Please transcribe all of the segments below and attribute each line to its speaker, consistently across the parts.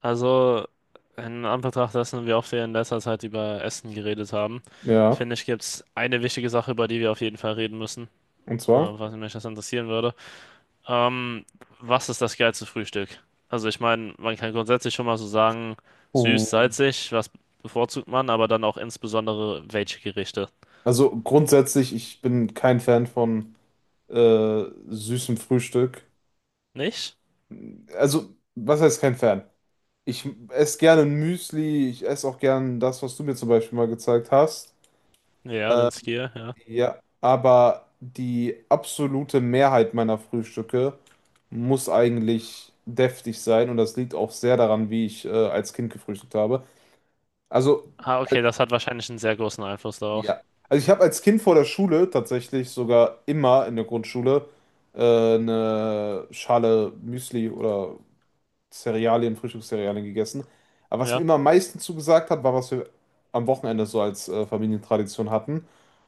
Speaker 1: Also, in Anbetracht dessen, wie oft wir in letzter Zeit über Essen geredet haben,
Speaker 2: Ja,
Speaker 1: finde ich, gibt es eine wichtige Sache, über die wir auf jeden Fall reden müssen,
Speaker 2: und zwar?
Speaker 1: was mich das interessieren würde. Ähm, Was ist das geilste Frühstück? Also, ich meine, man kann grundsätzlich schon mal so sagen, süß,
Speaker 2: Oh.
Speaker 1: salzig, was bevorzugt man, aber dann auch insbesondere welche Gerichte.
Speaker 2: Also grundsätzlich, ich bin kein Fan von süßem Frühstück.
Speaker 1: Nicht?
Speaker 2: Also, was heißt kein Fan? Ich esse gerne Müsli, ich esse auch gerne das, was du mir zum Beispiel mal gezeigt hast.
Speaker 1: Ja, den Skier, ja.
Speaker 2: Ja, aber die absolute Mehrheit meiner Frühstücke muss eigentlich deftig sein und das liegt auch sehr daran, wie ich als Kind gefrühstückt habe. Also,
Speaker 1: Ah, okay, das hat wahrscheinlich einen sehr großen Einfluss darauf.
Speaker 2: ja. Also ich habe als Kind vor der Schule tatsächlich sogar immer in der Grundschule eine Schale Müsli oder Cerealien, Frühstückscerealien gegessen. Aber was mir
Speaker 1: Ja.
Speaker 2: immer am meisten zugesagt hat, war, was wir am Wochenende so als Familientradition hatten.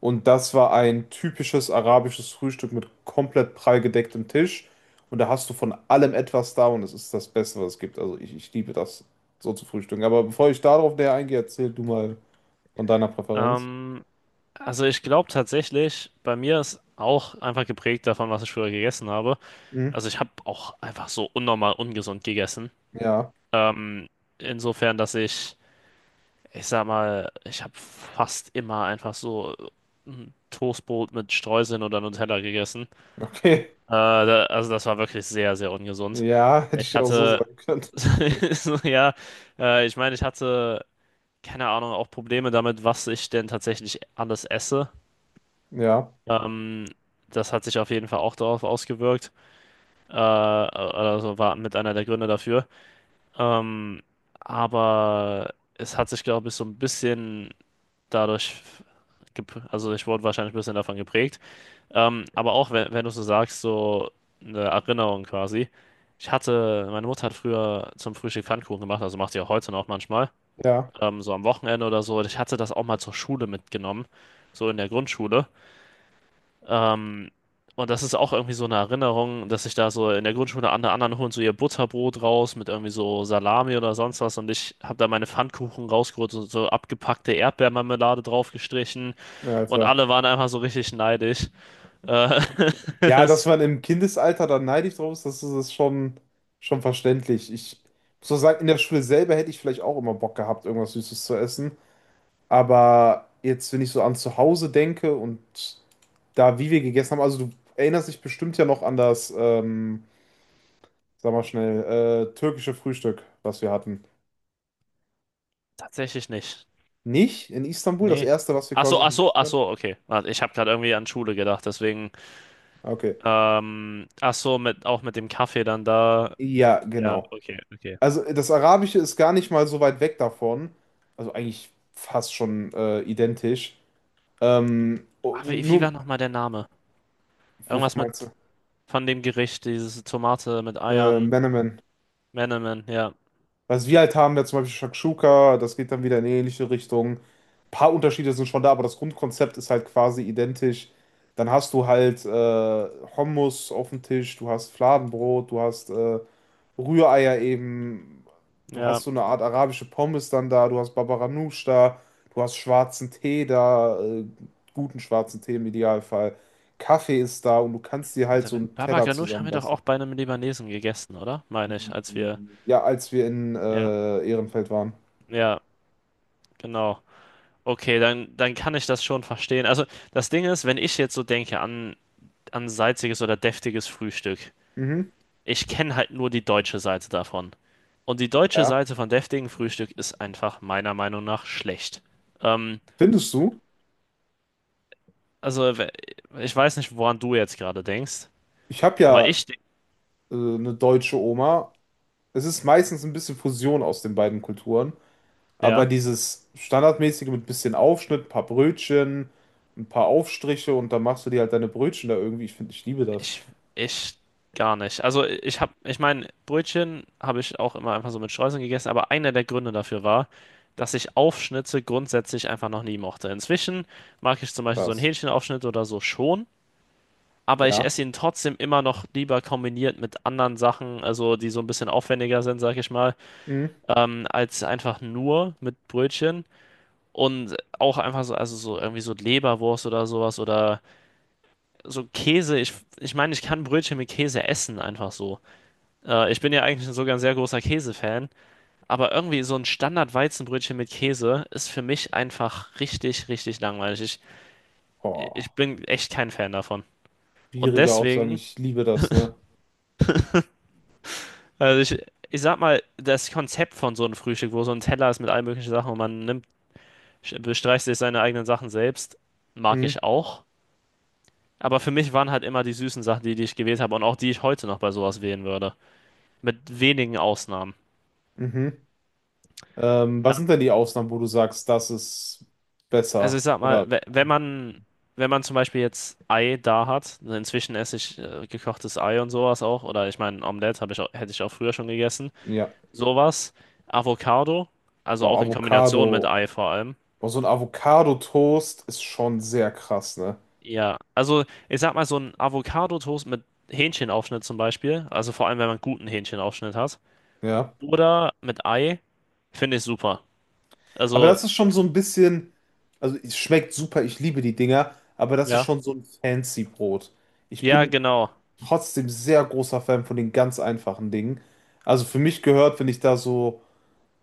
Speaker 2: Und das war ein typisches arabisches Frühstück mit komplett prall gedecktem Tisch. Und da hast du von allem etwas da und es ist das Beste, was es gibt. Also ich liebe das so zu frühstücken. Aber bevor ich darauf näher eingehe, erzähl du mal von deiner Präferenz.
Speaker 1: Ähm, Also ich glaube tatsächlich, bei mir ist auch einfach geprägt davon, was ich früher gegessen habe. Also ich habe auch einfach so unnormal ungesund gegessen.
Speaker 2: Ja,
Speaker 1: Ähm, insofern, dass ich sag mal, ich habe fast immer einfach so ein Toastbrot mit Streuseln oder Nutella gegessen.
Speaker 2: okay.
Speaker 1: Also das war wirklich sehr, sehr ungesund.
Speaker 2: Ja, hätte
Speaker 1: Ich
Speaker 2: ich auch so
Speaker 1: hatte,
Speaker 2: sagen können.
Speaker 1: so, ja, ich meine, ich hatte keine Ahnung, auch Probleme damit, was ich denn tatsächlich alles esse.
Speaker 2: Ja,
Speaker 1: Ähm, das hat sich auf jeden Fall auch darauf ausgewirkt. Also war mit einer der Gründe dafür. Ähm, aber es hat sich, glaube ich, so ein bisschen dadurch, also ich wurde wahrscheinlich ein bisschen davon geprägt. Aber auch wenn du so sagst, so eine Erinnerung quasi. Ich hatte, meine Mutter hat früher zum Frühstück Pfannkuchen gemacht, also macht sie auch heute noch manchmal,
Speaker 2: ja,
Speaker 1: so am Wochenende oder so. Ich hatte das auch mal zur Schule mitgenommen, so in der Grundschule. Ähm, und das ist auch irgendwie so eine Erinnerung, dass ich da so in der Grundschule an der anderen holen so ihr Butterbrot raus mit irgendwie so Salami oder sonst was und ich habe da meine Pfannkuchen rausgeholt und so abgepackte Erdbeermarmelade draufgestrichen
Speaker 2: ja,
Speaker 1: und
Speaker 2: Alter.
Speaker 1: alle waren einfach so richtig neidisch. Äh,
Speaker 2: Ja, dass
Speaker 1: das
Speaker 2: man im Kindesalter da neidisch drauf ist, das ist das schon, verständlich. Ich muss auch sagen, in der Schule selber hätte ich vielleicht auch immer Bock gehabt, irgendwas Süßes zu essen. Aber jetzt, wenn ich so an zu Hause denke und da, wie wir gegessen haben, also du erinnerst dich bestimmt ja noch an das, sag mal schnell, türkische Frühstück, was wir hatten.
Speaker 1: tatsächlich nicht.
Speaker 2: Nicht in Istanbul, das
Speaker 1: Nee.
Speaker 2: erste, was wir
Speaker 1: Ach so,
Speaker 2: quasi
Speaker 1: ach so,
Speaker 2: gegessen
Speaker 1: ach
Speaker 2: haben?
Speaker 1: so, okay. Warte, ich habe gerade irgendwie an Schule gedacht, deswegen.
Speaker 2: Okay.
Speaker 1: Ach so, mit, auch mit dem Kaffee dann da.
Speaker 2: Ja,
Speaker 1: Ja,
Speaker 2: genau.
Speaker 1: okay, okay.
Speaker 2: Also das Arabische ist gar nicht mal so weit weg davon. Also eigentlich fast schon identisch. Oh,
Speaker 1: Ach, wie
Speaker 2: nur,
Speaker 1: war nochmal der Name?
Speaker 2: wovon
Speaker 1: Irgendwas mit.
Speaker 2: meinst du?
Speaker 1: Von dem Gericht, diese Tomate mit Eiern.
Speaker 2: Menemen.
Speaker 1: Menemen, ja.
Speaker 2: Was wir halt haben, ja zum Beispiel Shakshuka, das geht dann wieder in eine ähnliche Richtung. Ein paar Unterschiede sind schon da, aber das Grundkonzept ist halt quasi identisch. Dann hast du halt Hummus auf dem Tisch, du hast Fladenbrot, du hast Rühreier eben, du hast
Speaker 1: Ja.
Speaker 2: so eine Art arabische Pommes dann da, du hast Babaganoush da, du hast schwarzen Tee da, guten schwarzen Tee im Idealfall. Kaffee ist da und du kannst dir halt
Speaker 1: Also
Speaker 2: so einen
Speaker 1: Baba
Speaker 2: Teller
Speaker 1: Ganoush haben wir doch auch
Speaker 2: zusammenbasteln.
Speaker 1: bei einem Libanesen gegessen, oder? Meine ich, als wir.
Speaker 2: Ja, als wir in
Speaker 1: Ja,
Speaker 2: Ehrenfeld waren.
Speaker 1: ja, genau. Okay, dann kann ich das schon verstehen. Also das Ding ist, wenn ich jetzt so denke an, an salziges oder deftiges Frühstück,
Speaker 2: Mhm.
Speaker 1: ich kenne halt nur die deutsche Seite davon. Und die deutsche
Speaker 2: Ja.
Speaker 1: Seite von deftigem Frühstück ist einfach meiner Meinung nach schlecht. Ähm,
Speaker 2: Findest du?
Speaker 1: also we- ich weiß nicht, woran du jetzt gerade denkst,
Speaker 2: Ich habe
Speaker 1: aber
Speaker 2: ja
Speaker 1: ich denke,
Speaker 2: eine deutsche Oma. Es ist meistens ein bisschen Fusion aus den beiden Kulturen. Aber
Speaker 1: ja.
Speaker 2: dieses standardmäßige mit bisschen Aufschnitt, ein paar Brötchen, ein paar Aufstriche und dann machst du dir halt deine Brötchen da irgendwie. Ich finde, ich liebe das.
Speaker 1: Ich, ich gar nicht. Also ich habe, ich meine, Brötchen habe ich auch immer einfach so mit Streuseln gegessen, aber einer der Gründe dafür war, dass ich Aufschnitte grundsätzlich einfach noch nie mochte. Inzwischen mag ich zum Beispiel so einen
Speaker 2: Krass.
Speaker 1: Hähnchenaufschnitt oder so schon, aber ich
Speaker 2: Ja.
Speaker 1: esse ihn trotzdem immer noch lieber kombiniert mit anderen Sachen, also die so ein bisschen aufwendiger sind, sag ich mal,
Speaker 2: Mhm.
Speaker 1: als einfach nur mit Brötchen. Und auch einfach so, also so irgendwie so Leberwurst oder sowas oder so Käse. Ich meine, ich kann Brötchen mit Käse essen, einfach so. Ich bin ja eigentlich sogar ein sehr großer Käsefan, aber irgendwie so ein Standard-Weizenbrötchen mit Käse ist für mich einfach richtig, richtig langweilig. Ich,
Speaker 2: Oh,
Speaker 1: ich bin echt kein Fan davon. Und
Speaker 2: schwierige Aussagen.
Speaker 1: deswegen,
Speaker 2: Ich liebe das, ne?
Speaker 1: ich sag mal, das Konzept von so einem Frühstück, wo so ein Teller ist mit allen möglichen Sachen und man nimmt, bestreicht sich seine eigenen Sachen selbst, mag
Speaker 2: Mhm.
Speaker 1: ich auch. Aber für mich waren halt immer die süßen Sachen, die ich gewählt habe und auch die ich heute noch bei sowas wählen würde. Mit wenigen Ausnahmen.
Speaker 2: Mhm. Was sind denn die Ausnahmen, wo du sagst, das ist
Speaker 1: Also ich
Speaker 2: besser?
Speaker 1: sag mal,
Speaker 2: Oder
Speaker 1: wenn man zum Beispiel jetzt Ei da hat, also inzwischen esse ich gekochtes Ei und sowas auch, oder ich meine, Omelette habe ich auch, hätte ich auch früher schon gegessen.
Speaker 2: ja,
Speaker 1: Sowas, Avocado, also
Speaker 2: boah,
Speaker 1: auch in Kombination mit
Speaker 2: Avocado.
Speaker 1: Ei vor allem.
Speaker 2: Boah, so ein Avocado-Toast ist schon sehr krass, ne?
Speaker 1: Ja, also ich sag mal, so ein Avocado-Toast mit Hähnchenaufschnitt zum Beispiel, also vor allem, wenn man guten Hähnchenaufschnitt hat,
Speaker 2: Ja.
Speaker 1: oder mit Ei, finde ich super.
Speaker 2: Aber
Speaker 1: Also,
Speaker 2: das ist schon so ein bisschen, also es schmeckt super, ich liebe die Dinger, aber das ist
Speaker 1: ja,
Speaker 2: schon so ein fancy Brot. Ich
Speaker 1: ja,
Speaker 2: bin
Speaker 1: genau,
Speaker 2: trotzdem sehr großer Fan von den ganz einfachen Dingen. Also für mich gehört, wenn ich da so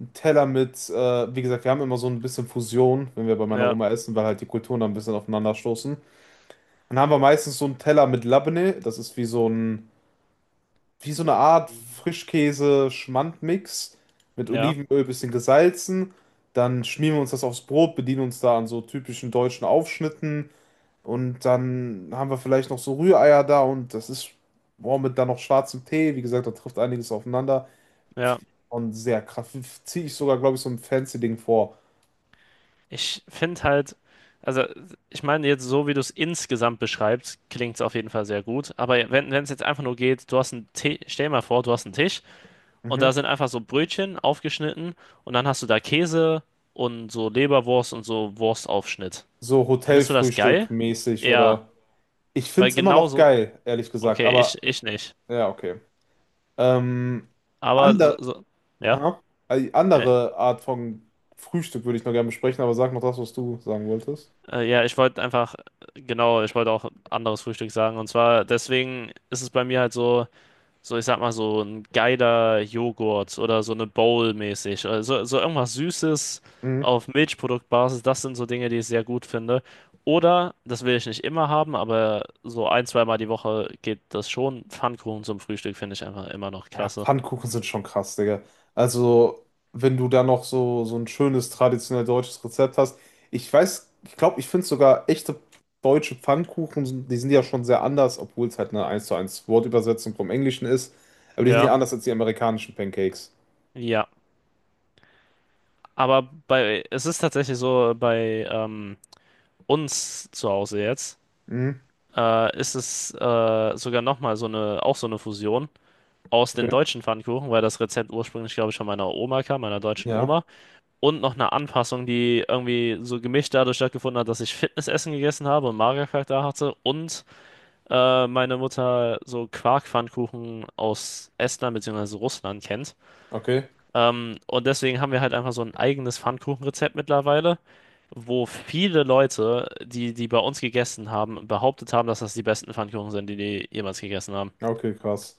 Speaker 2: ein Teller mit, wie gesagt, wir haben immer so ein bisschen Fusion, wenn wir bei meiner
Speaker 1: ja,
Speaker 2: Oma essen, weil halt die Kulturen da ein bisschen aufeinander stoßen. Dann haben wir meistens so einen Teller mit Labneh, das ist wie so ein wie so eine Art Frischkäse-Schmand-Mix mit
Speaker 1: ja,
Speaker 2: Olivenöl, bisschen gesalzen. Dann schmieren wir uns das aufs Brot, bedienen uns da an so typischen deutschen Aufschnitten. Und dann haben wir vielleicht noch so Rühreier da und das ist, boah, mit dann noch schwarzem Tee. Wie gesagt, da trifft einiges aufeinander.
Speaker 1: ja.
Speaker 2: Und sehr krass. Ziehe ich sogar, glaube ich, so ein fancy Ding vor.
Speaker 1: Ich finde halt, also ich meine jetzt so, wie du es insgesamt beschreibst, klingt es auf jeden Fall sehr gut. Aber wenn es jetzt einfach nur geht, du hast einen Tisch, stell dir mal vor, du hast einen Tisch und da
Speaker 2: Mhm.
Speaker 1: sind einfach so Brötchen aufgeschnitten und dann hast du da Käse und so Leberwurst und so Wurstaufschnitt.
Speaker 2: So
Speaker 1: Findest du das
Speaker 2: Hotelfrühstück
Speaker 1: geil?
Speaker 2: mäßig
Speaker 1: Ja,
Speaker 2: oder. Ich finde
Speaker 1: weil
Speaker 2: es immer noch
Speaker 1: genauso,
Speaker 2: geil, ehrlich gesagt.
Speaker 1: okay,
Speaker 2: Aber
Speaker 1: ich nicht.
Speaker 2: ja, okay. Ähm,
Speaker 1: Aber so,
Speaker 2: ander,
Speaker 1: so ja,
Speaker 2: aha. Also die
Speaker 1: äh,
Speaker 2: andere Art von Frühstück würde ich noch gerne besprechen, aber sag noch das, was du sagen wolltest.
Speaker 1: ja, ich wollte einfach, genau, ich wollte auch anderes Frühstück sagen. Und zwar, deswegen ist es bei mir halt so. So, ich sag mal, so ein geiler Joghurt oder so eine Bowl mäßig. Also, so irgendwas Süßes
Speaker 2: Mhm.
Speaker 1: auf Milchproduktbasis, das sind so Dinge, die ich sehr gut finde. Oder, das will ich nicht immer haben, aber so ein, zweimal die Woche geht das schon. Pfannkuchen zum Frühstück finde ich einfach immer noch
Speaker 2: Ja,
Speaker 1: klasse.
Speaker 2: Pfannkuchen sind schon krass, Digga. Also, wenn du da noch so, so ein schönes traditionell deutsches Rezept hast. Ich weiß, ich glaube, ich finde sogar echte deutsche Pfannkuchen, die sind ja schon sehr anders, obwohl es halt eine eins zu eins Wortübersetzung vom Englischen ist. Aber die sind ja
Speaker 1: Ja,
Speaker 2: anders als die amerikanischen Pancakes.
Speaker 1: ja. Aber bei, es ist tatsächlich so, bei uns zu Hause jetzt,
Speaker 2: Mhm.
Speaker 1: ist es sogar nochmal so eine, auch so eine Fusion aus den
Speaker 2: Okay.
Speaker 1: deutschen Pfannkuchen, weil das Rezept ursprünglich, glaube ich, von meiner Oma kam, meiner deutschen
Speaker 2: Ja,
Speaker 1: Oma. Und noch eine Anpassung, die irgendwie so gemischt dadurch stattgefunden hat, dass ich Fitnessessen gegessen habe und Magerquark da hatte. Und meine Mutter so Quarkpfannkuchen aus Estland bzw. Russland kennt.
Speaker 2: okay.
Speaker 1: Und deswegen haben wir halt einfach so ein eigenes Pfannkuchenrezept mittlerweile, wo viele Leute, die bei uns gegessen haben, behauptet haben, dass das die besten Pfannkuchen sind, die die jemals gegessen haben.
Speaker 2: Ja, okay, krass.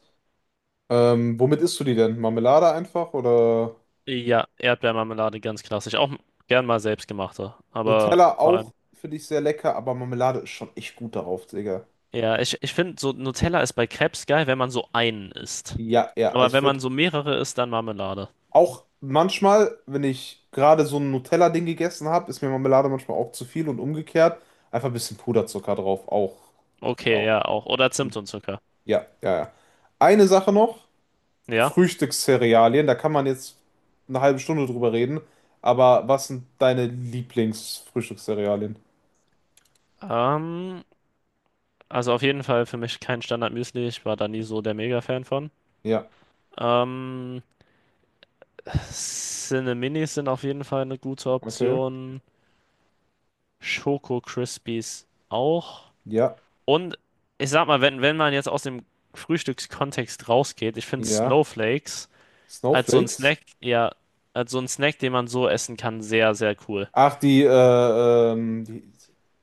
Speaker 2: Womit isst du die denn? Marmelade einfach oder?
Speaker 1: Ja, Erdbeermarmelade ganz klassisch. Auch gern mal selbstgemachte. Aber
Speaker 2: Nutella
Speaker 1: vor allem.
Speaker 2: auch, finde ich sehr lecker, aber Marmelade ist schon echt gut darauf, Digga.
Speaker 1: Ja, ich finde, so Nutella ist bei Crepes geil, wenn man so einen isst.
Speaker 2: Ja, ja,
Speaker 1: Aber
Speaker 2: also ich
Speaker 1: wenn man
Speaker 2: würde
Speaker 1: so mehrere isst, dann Marmelade.
Speaker 2: auch manchmal, wenn ich gerade so ein Nutella-Ding gegessen habe, ist mir Marmelade manchmal auch zu viel und umgekehrt. Einfach ein bisschen Puderzucker drauf, auch.
Speaker 1: Okay,
Speaker 2: Auch.
Speaker 1: ja, auch. Oder Zimt und Zucker.
Speaker 2: Ja, ja, ja. Eine Sache noch,
Speaker 1: Ja.
Speaker 2: Frühstückscerealien, da kann man jetzt eine halbe Stunde drüber reden, aber was sind deine Lieblingsfrühstückscerealien?
Speaker 1: Ähm, also auf jeden Fall für mich kein Standard-Müsli. Ich war da nie so der Mega-Fan von.
Speaker 2: Ja,
Speaker 1: Ähm, Cineminis sind auf jeden Fall eine gute
Speaker 2: okay.
Speaker 1: Option. Schoko Crispies auch.
Speaker 2: Ja,
Speaker 1: Und ich sag mal, wenn man jetzt aus dem Frühstückskontext rausgeht, ich finde
Speaker 2: ja.
Speaker 1: Snowflakes als so ein
Speaker 2: Snowflakes?
Speaker 1: Snack, ja, als so ein Snack, den man so essen kann, sehr, sehr cool.
Speaker 2: Ach, die,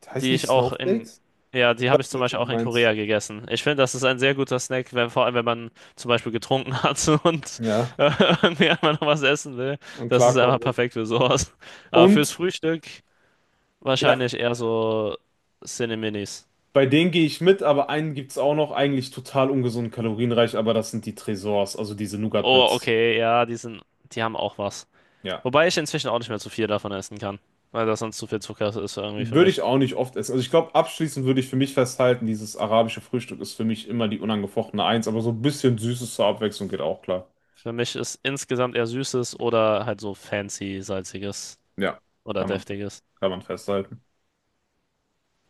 Speaker 1: Die
Speaker 2: heißen die
Speaker 1: ich auch in,
Speaker 2: Snowflakes?
Speaker 1: ja, die
Speaker 2: Ich
Speaker 1: habe ich
Speaker 2: weiß
Speaker 1: zum
Speaker 2: nicht, was
Speaker 1: Beispiel
Speaker 2: du
Speaker 1: auch in
Speaker 2: meinst.
Speaker 1: Korea gegessen. Ich finde, das ist ein sehr guter Snack, wenn, vor allem wenn man zum Beispiel getrunken hat und
Speaker 2: Ja,
Speaker 1: äh, irgendwie einmal noch was essen will.
Speaker 2: und
Speaker 1: Das ist
Speaker 2: klarkommen
Speaker 1: einfach
Speaker 2: will.
Speaker 1: perfekt für sowas. Aber fürs
Speaker 2: Und,
Speaker 1: Frühstück
Speaker 2: ja,
Speaker 1: wahrscheinlich eher so Cineminis.
Speaker 2: bei denen gehe ich mit, aber einen gibt es auch noch, eigentlich total ungesund, kalorienreich, aber das sind die Tresors, also diese
Speaker 1: Oh,
Speaker 2: Nougat-Bits.
Speaker 1: okay, ja, die sind, die haben auch was.
Speaker 2: Ja.
Speaker 1: Wobei ich inzwischen auch nicht mehr zu viel davon essen kann, weil das sonst zu viel Zucker ist irgendwie für
Speaker 2: Würde ich
Speaker 1: mich.
Speaker 2: auch nicht oft essen. Also ich glaube, abschließend würde ich für mich festhalten, dieses arabische Frühstück ist für mich immer die unangefochtene Eins, aber so ein bisschen Süßes zur Abwechslung geht auch klar.
Speaker 1: Für mich ist insgesamt eher Süßes oder halt so fancy, salziges
Speaker 2: Ja,
Speaker 1: oder
Speaker 2: kann man,
Speaker 1: deftiges.
Speaker 2: kann man festhalten.